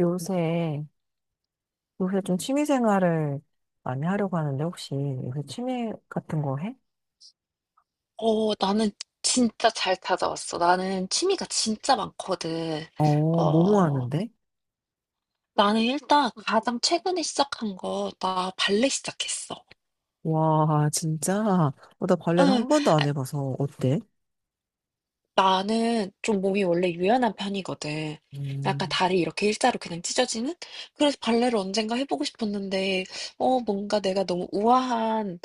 요새, 요새 좀 취미 생활을 많이 하려고 하는데, 혹시 요새 취미 같은 거 해? 어, 나는 진짜 잘 찾아왔어. 나는 취미가 진짜 많거든. 뭐뭐 어, 하는데? 나는 일단 가장 최근에 시작한 거 나 발레 시작했어. 와, 진짜. 나 발레는 응. 한 번도 안 해봐서 어때? 나는 좀 몸이 원래 유연한 편이거든. 약간 음. 다리 이렇게 일자로 그냥 찢어지는? 그래서 발레를 언젠가 해보고 싶었는데, 뭔가 내가 너무 우아한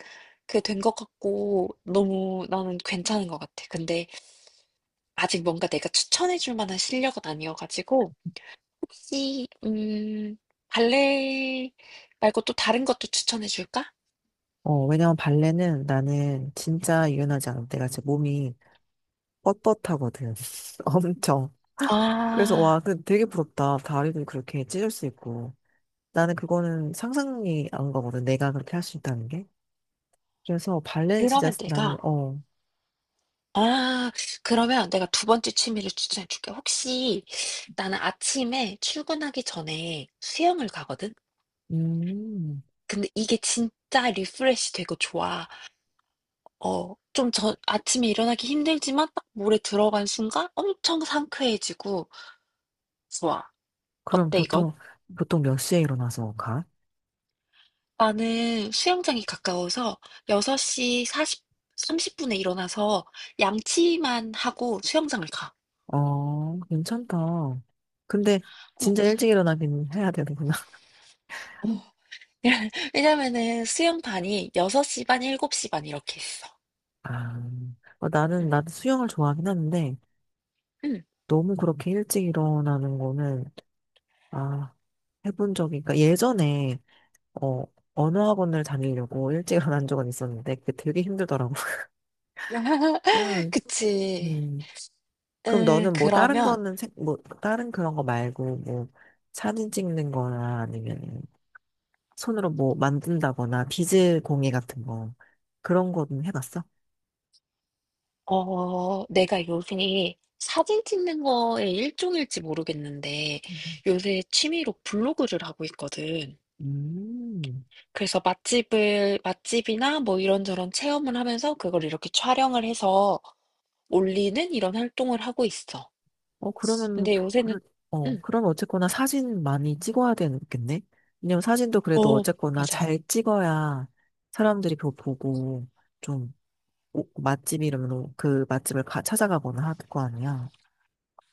그 된 것 같고, 너무 나는 괜찮은 것 같아. 근데 아직 뭔가 내가 추천해줄 만한 실력은 아니어가지고, 혹시 발레 말고 또 다른 것도 추천해 줄까? 왜냐면 발레는 나는 진짜 유연하지 않아. 내가 진짜 몸이 뻣뻣하거든. 엄청. 그래서 와, 아 그 되게 부럽다. 다리도 그렇게 찢을 수 있고. 나는 그거는 상상이 안 가거든. 내가 그렇게 할 수 있다는 게. 그래서 발레는 진짜 그러면 나는, 내가 아 그러면 내가 두 번째 취미를 추천해 줄게. 혹시 나는 아침에 출근하기 전에 수영을 가거든. 음. 근데 이게 진짜 리프레시 되고 좋아. 좀 아침에 일어나기 힘들지만 딱 물에 들어간 순간 엄청 상쾌해지고 좋아. 그럼 어때 이건? 보통 몇 시에 일어나서 가? 나는 수영장이 가까워서 6시 사십 30분에 일어나서 양치만 하고 수영장을 가. 괜찮다. 근데 어. 진짜 일찍 일어나긴 해야 되는구나. 어, 왜냐면은 수영반이 6시 반, 7시 반 이렇게 있어. 아, 나는, 응. 나도 수영을 좋아하긴 하는데, 응. 너무 그렇게 일찍 일어나는 거는, 아, 해본 적이, 그러니까 예전에, 어, 언어학원을 다니려고 일찍 일어난 적은 있었는데, 그게 되게 힘들더라고. 음. 그치. 음. 그럼 너는 뭐 다른 그러면, 거는, 뭐, 다른 그런 거 말고, 뭐, 사진 찍는 거나 아니면 손으로 뭐 만든다거나 비즈 공예 같은 거 그런 거는 해봤어? 내가 요새 사진 찍는 거에 일종일지 모르겠는데, 음. 요새 취미로 블로그를 하고 있거든. 음. 그래서 맛집을 맛집이나 뭐 이런저런 체험을 하면서 그걸 이렇게 촬영을 해서 올리는 이런 활동을 하고 있어. 그러면, 근데 요새는, 응, 그럼 어쨌거나 사진 많이 찍어야 되겠네? 왜냐면 사진도 그래도 어, 어쨌거나 맞아. 잘 찍어야 사람들이 그거 보고 좀 맛집 이름으로 그 맛집을 찾아가거나 할 거 아니야.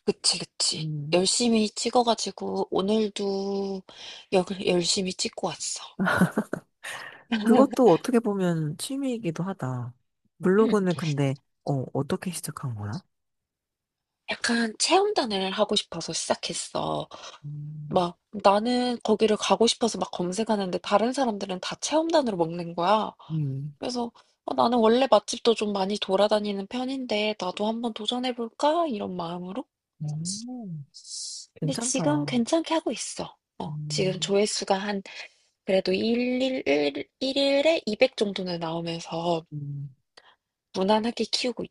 그치, 그치. 음, 열심히 찍어 가지고 오늘도 역 열심히 찍고 왔어. 그것도 어떻게 보면 취미이기도 하다. 음. 블로그는 근데, 어떻게 시작한 거야? 약간 체험단을 하고 싶어서 시작했어. 음. 막 나는 거기를 가고 싶어서 막 검색하는데 다른 사람들은 다 체험단으로 먹는 거야. 음. 그래서 나는 원래 맛집도 좀 많이 돌아다니는 편인데 나도 한번 도전해볼까? 이런 마음으로. 음. 근데 지금 괜찮다. 괜찮게 하고 있어. 지금 음. 조회수가 한 그래도 1일, 일일에 200 정도는 나오면서 음. 무난하게 키우고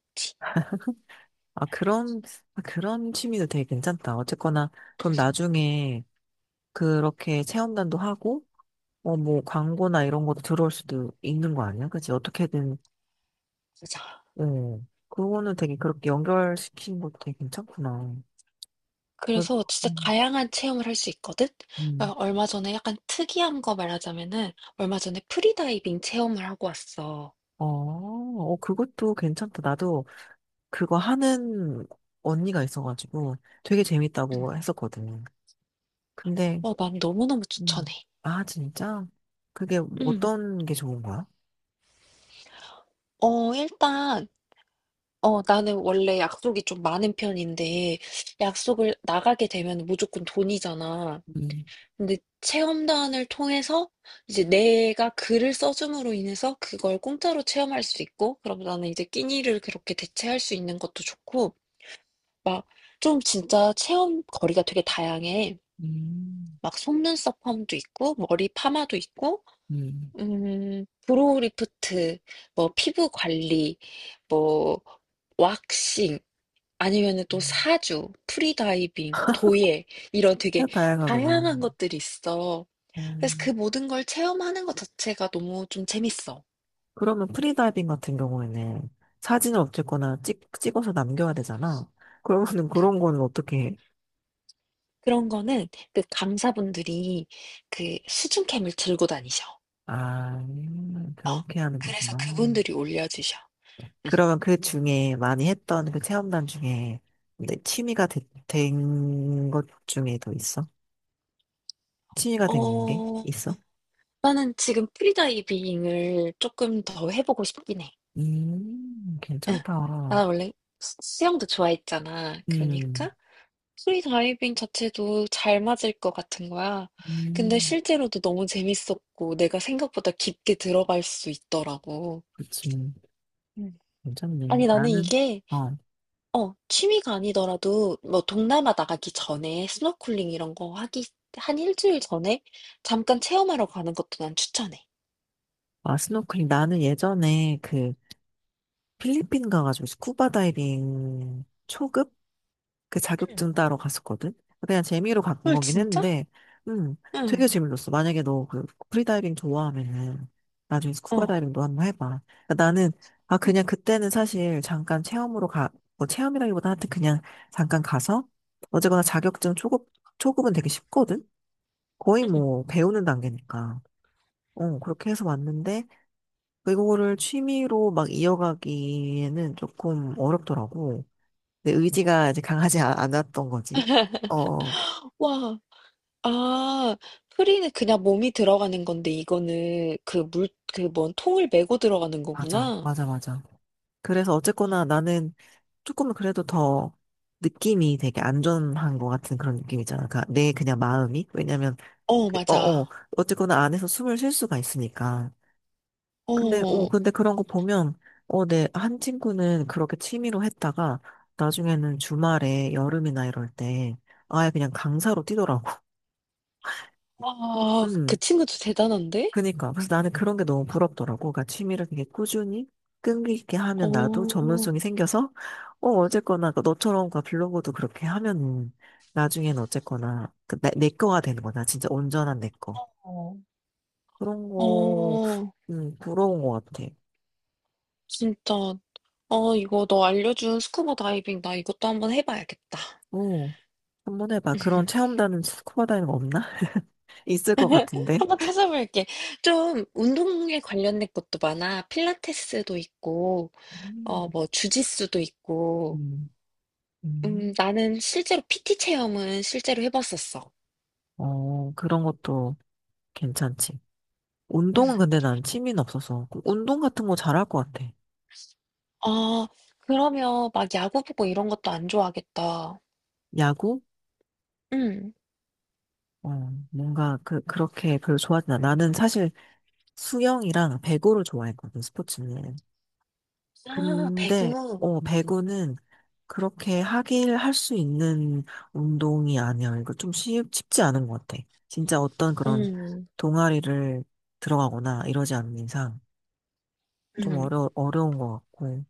아, 그런, 아, 그런 취미도 되게 괜찮다. 어쨌거나, 그럼 나중에 그렇게 체험단도 하고, 뭐, 광고나 이런 것도 들어올 수도 있는 거 아니야? 그치? 어떻게든, 있자. 응. 그거는 되게 그렇게 연결시키는 것도 되게 괜찮구나. 그, 그래서 진짜 음. 다양한 체험을 할 수 있거든? 음. 그러니까 얼마 전에 약간 특이한 거 말하자면은 얼마 전에 프리다이빙 체험을 하고 왔어. 어, 어, 그것도 괜찮다. 나도 그거 하는 언니가 있어가지고 되게 음. 재밌다고 했었거든. 근데 난 너무너무 추천해. 음. 아, 진짜? 그게 뭐 음. 어떤 게 좋은 거야? 일단 나는 원래 약속이 좀 많은 편인데, 약속을 나가게 되면 무조건 돈이잖아. 음. 근데 체험단을 통해서 이제 내가 글을 써줌으로 인해서 그걸 공짜로 체험할 수 있고, 그럼 나는 이제 끼니를 그렇게 대체할 수 있는 것도 좋고, 막 좀 진짜 체험 거리가 되게 다양해. 음. 막 속눈썹 펌도 있고, 머리 파마도 있고, 음. 브로우 리프트, 뭐 피부 관리, 뭐 왁싱, 아니면은 또 사주, 프리다이빙, 도예 이런 되게 진짜 다양하구나. 다양한 것들이 있어. 그래서 그 음. 모든 걸 체험하는 것 자체가 너무 좀 재밌어. 그러면 프리다이빙 같은 경우에는 사진을 어쨌거나 찍, 찍어서 남겨야 되잖아. 그러면은 그런 거는 어떻게 해? 그런 거는 그 강사분들이 그 수중캠을 들고 다니셔. 아, 어, 그렇게 하는 그래서 거구나. 그분들이 올려주셔. 응. 그러면 그 중에 많이 했던 그 체험단 중에 내 취미가 된 것 중에 더 있어? 취미가 된 게 어, 있어? 나는 지금 프리다이빙을 조금 더 해보고 싶긴 해. 응. 괜찮다. 나 원래 수영도 좋아했잖아. 음. 그러니까 프리다이빙 자체도 잘 맞을 것 같은 거야. 근데 음. 실제로도 너무 재밌었고, 내가 생각보다 깊게 들어갈 수 있더라고. 그치. 음. 괜찮네. 아니, 나는 나는, 이게, 어, 취미가 아니더라도, 뭐, 동남아 나가기 전에, 스노클링 이런 거 하기, 한 일주일 전에, 잠깐 체험하러 가는 것도 난 추천해. 아, 스노클링. 나는 예전에 그 필리핀 가가지고 스쿠버 다이빙 초급? 그 응. 자격증 따러 갔었거든? 그냥 재미로 간 헐, 거긴 진짜? 했는데, 음, 응, 되게 재밌었어. 만약에 너 그 프리다이빙 좋아하면은 나중에 어, 스쿠버 어, 다이빙도 한 번 해봐. 그러니까 나는, 아, 그냥 그때는 사실 잠깐 체험으로 가, 뭐 체험이라기보다 하여튼 그냥 잠깐 가서 어쨌거나 자격증 초급, 초급은 되게 쉽거든? 거의 응. 뭐 배우는 단계니까. 그렇게 해서 왔는데, 그거를 취미로 막 이어가기에는 조금 어렵더라고. 내 의지가 이제 강하지 않았던 거지. 어, 어, 와, 아, 프리는 그냥 몸이 들어가는 건데, 이거는 그 뭔 통을 메고 들어가는 맞아, 거구나. 맞아, 맞아. 그래서 어쨌거나 나는 조금 그래도 더 느낌이 되게 안전한 것 같은 그런 느낌이잖아. 그내 그냥 마음이. 왜냐면, 어, 어, 맞아. 어, 어쨌거나 안에서 숨을 쉴 수가 있으니까. 근데, 어, 어. 근데 그런 거 보면, 내 한 친구는 그렇게 취미로 했다가, 나중에는 주말에 여름이나 이럴 때, 아예 그냥 강사로 뛰더라고. 와, 그 음, 친구도 대단한데? 그니까. 그래서 나는 그런 게 너무 부럽더라고. 그러니까 취미를 되게 꾸준히, 끈기 있게 하면 나도 어. 전문성이 생겨서, 어쨌거나, 그 너처럼 그 블로그도 그렇게 하면 나중에는 어쨌거나, 그 내 거가 되는 거다. 진짜 온전한 내 거. 어. 그런 거, 어. 음, 부러운 것 같아. 진짜. 어, 이거 너 알려준 스쿠버 다이빙 나 이것도 한번 해 봐야겠다. 어, 한번 해봐. 그런 체험단은 스쿠버 다이는 없나? 있을 것 같은데. 한번 찾아볼게. 좀 운동에 관련된 것도 많아. 필라테스도 있고 음. 뭐 주짓수도 있고. 음. 음. 나는 실제로 PT 체험은 실제로 해 봤었어. 그런 것도 괜찮지. 음. 운동은 근데 난 취미는 없어서. 그 운동 같은 거 잘할 것 같아. 아, 그러면 막 야구 보고 이런 것도 안 좋아하겠다. 야구? 음. 어, 뭔가 그렇게 별로 좋아하진 않아. 나는 사실 수영이랑 배구를 좋아했거든, 스포츠는. 아, 배구. 근데, 배구는 그렇게 하길 할 수 있는 운동이 아니야. 이거 좀 쉽, 쉽지 않은 것 같아. 진짜 어떤 그런 음. 동아리를 들어가거나 이러지 않는 이상. 좀 음. 어려운 것 같고.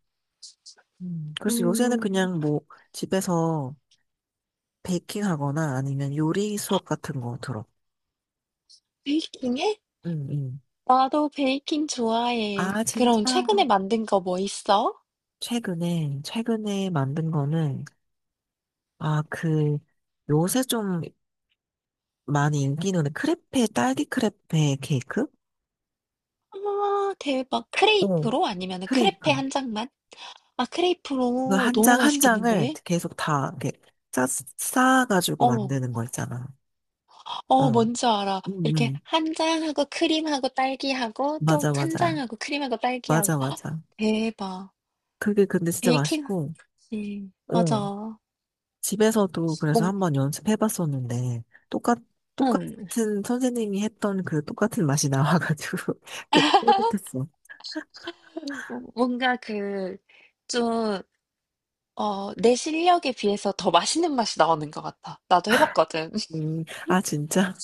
그래서 요새는 음. 그냥 뭐 집에서 베이킹 하거나 아니면 요리 수업 같은 거 들어. 베이킹해? 응응. 나도 베이킹 좋아해. 아, 진짜. 그럼 최근에 만든 거 뭐 있어? 최근에 만든 거는, 아, 요새 좀 많이 인기 있는 크레페, 딸기 크레페 케이크? 아, 대박. 어, 크레이프로? 아니면 크레페 크레이크. 한 장만? 아, 그 크레이프로 한 너무 장, 한 장을 맛있겠는데? 계속 다 이렇게 싸, 싸가지고 어, 만드는 거 있잖아. 어, 어, 뭔지 알아. 이렇게 응응. 한 장하고 크림하고 딸기하고 또 맞아, 한 맞아. 장하고 크림하고 딸기하고. 맞아, 맞아. 대박. 그게 근데 진짜 베이킹 맛있고, 하지. 어, 맞아. 집에서도 그래서 뭔, 한번 연습해 봤었는데, 똑같, 응. 똑같은 선생님이 했던 그 똑같은 맛이 나와가지고 되게 뿌듯했어. 뭔가 그, 좀 내 실력에 비해서 더 맛있는 맛이 나오는 것 같아. 나도 해봤거든. 아, 진짜?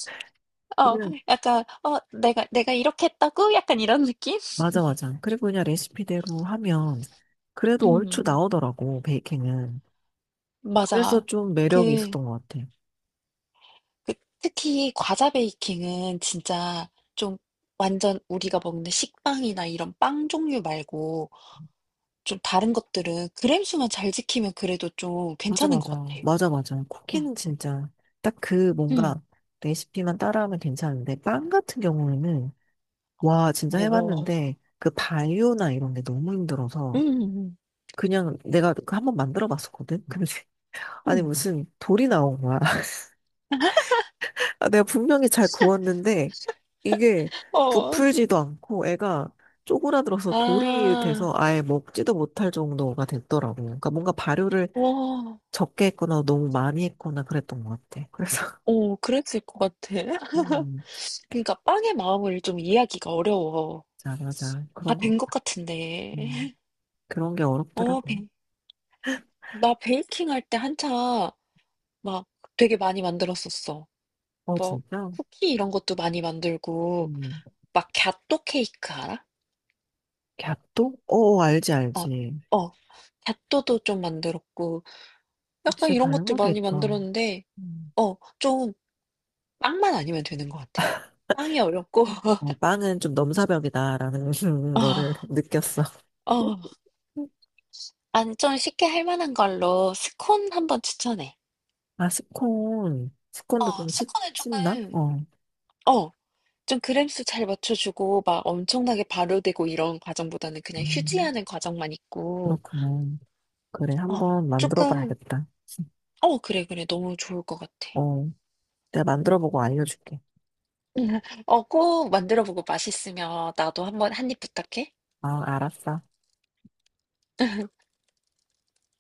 어, 그냥, 약간, 내가 이렇게 했다고? 약간 이런 느낌? 맞아, 맞아. 그리고 그냥 레시피대로 하면 그래도 얼추 음, 나오더라고, 베이킹은. 그래서 맞아. 좀 매력이 그, 있었던 것 같아. 그, 특히 과자 베이킹은 진짜 좀 완전 우리가 먹는 식빵이나 이런 빵 종류 말고 좀 다른 것들은 그램 수만 잘 지키면 그래도 좀 맞아, 괜찮은 것 맞아. 같아. 맞아, 맞아. 응. 쿠키는 진짜 딱 그 응. 뭔가 레시피만 따라하면 괜찮은데, 빵 같은 경우에는 와, 진짜 오, 해봤는데, 그 바이오나 이런 게 너무 응, 힘들어서, 응, 그냥 내가 그 한번 만들어 봤었거든? 근데, 아니, 응. 무슨 돌이 나온 거야. 아, 내가 분명히 잘 구웠는데, 이게 어, 부풀지도 않고, 애가 쪼그라들어서 돌이 돼서 아, 아예 먹지도 못할 정도가 됐더라고. 그러니까 뭔가 발효를 오. 적게 했거나 너무 많이 했거나 그랬던 것 같아. 그래서, 어, 그랬을 것 같아. 음, 그러니까 빵의 마음을 좀 이해하기가 어려워. 자 맞아. 다 된 것 같은데. 음, 그런 게 어, 어렵더라고. 베, 나 베이킹 할 때 한참 막 되게 많이 만들었었어. 뭐 진짜? 쿠키 이런 것도 많이 만들고 음. 막 갸또 케이크 알아? 갸또? 알지, 어, 알지. 어. 갸또도 좀 만들었고 약간 진짜 이런 것들 다양하게 많이 했다. 만들었는데 음. 좀 빵만 아니면 되는 것 같아. 빵이 어렵고 빵은 좀 넘사벽이다라는 어, 거를 느꼈어. 어. 아니 좀 쉽게 할 만한 걸로 스콘 한번 추천해. 아, 스콘. 스콘도 좀 씹, 스콘은 조금 씹나? 어. 어. 좀 그램수 잘 맞춰주고 막 엄청나게 발효되고 이런 과정보다는 그냥 음, 휴지하는 과정만 있고 그렇구나. 그래, 어, 한번 만들어 조금 봐야겠다. 그래, 그래. 너무 좋을 것 같아. 어, 내가 만들어 보고 알려줄게. 꼭 만들어 보고 맛있으면 나도 한번 한입 부탁해. 아, 알았어.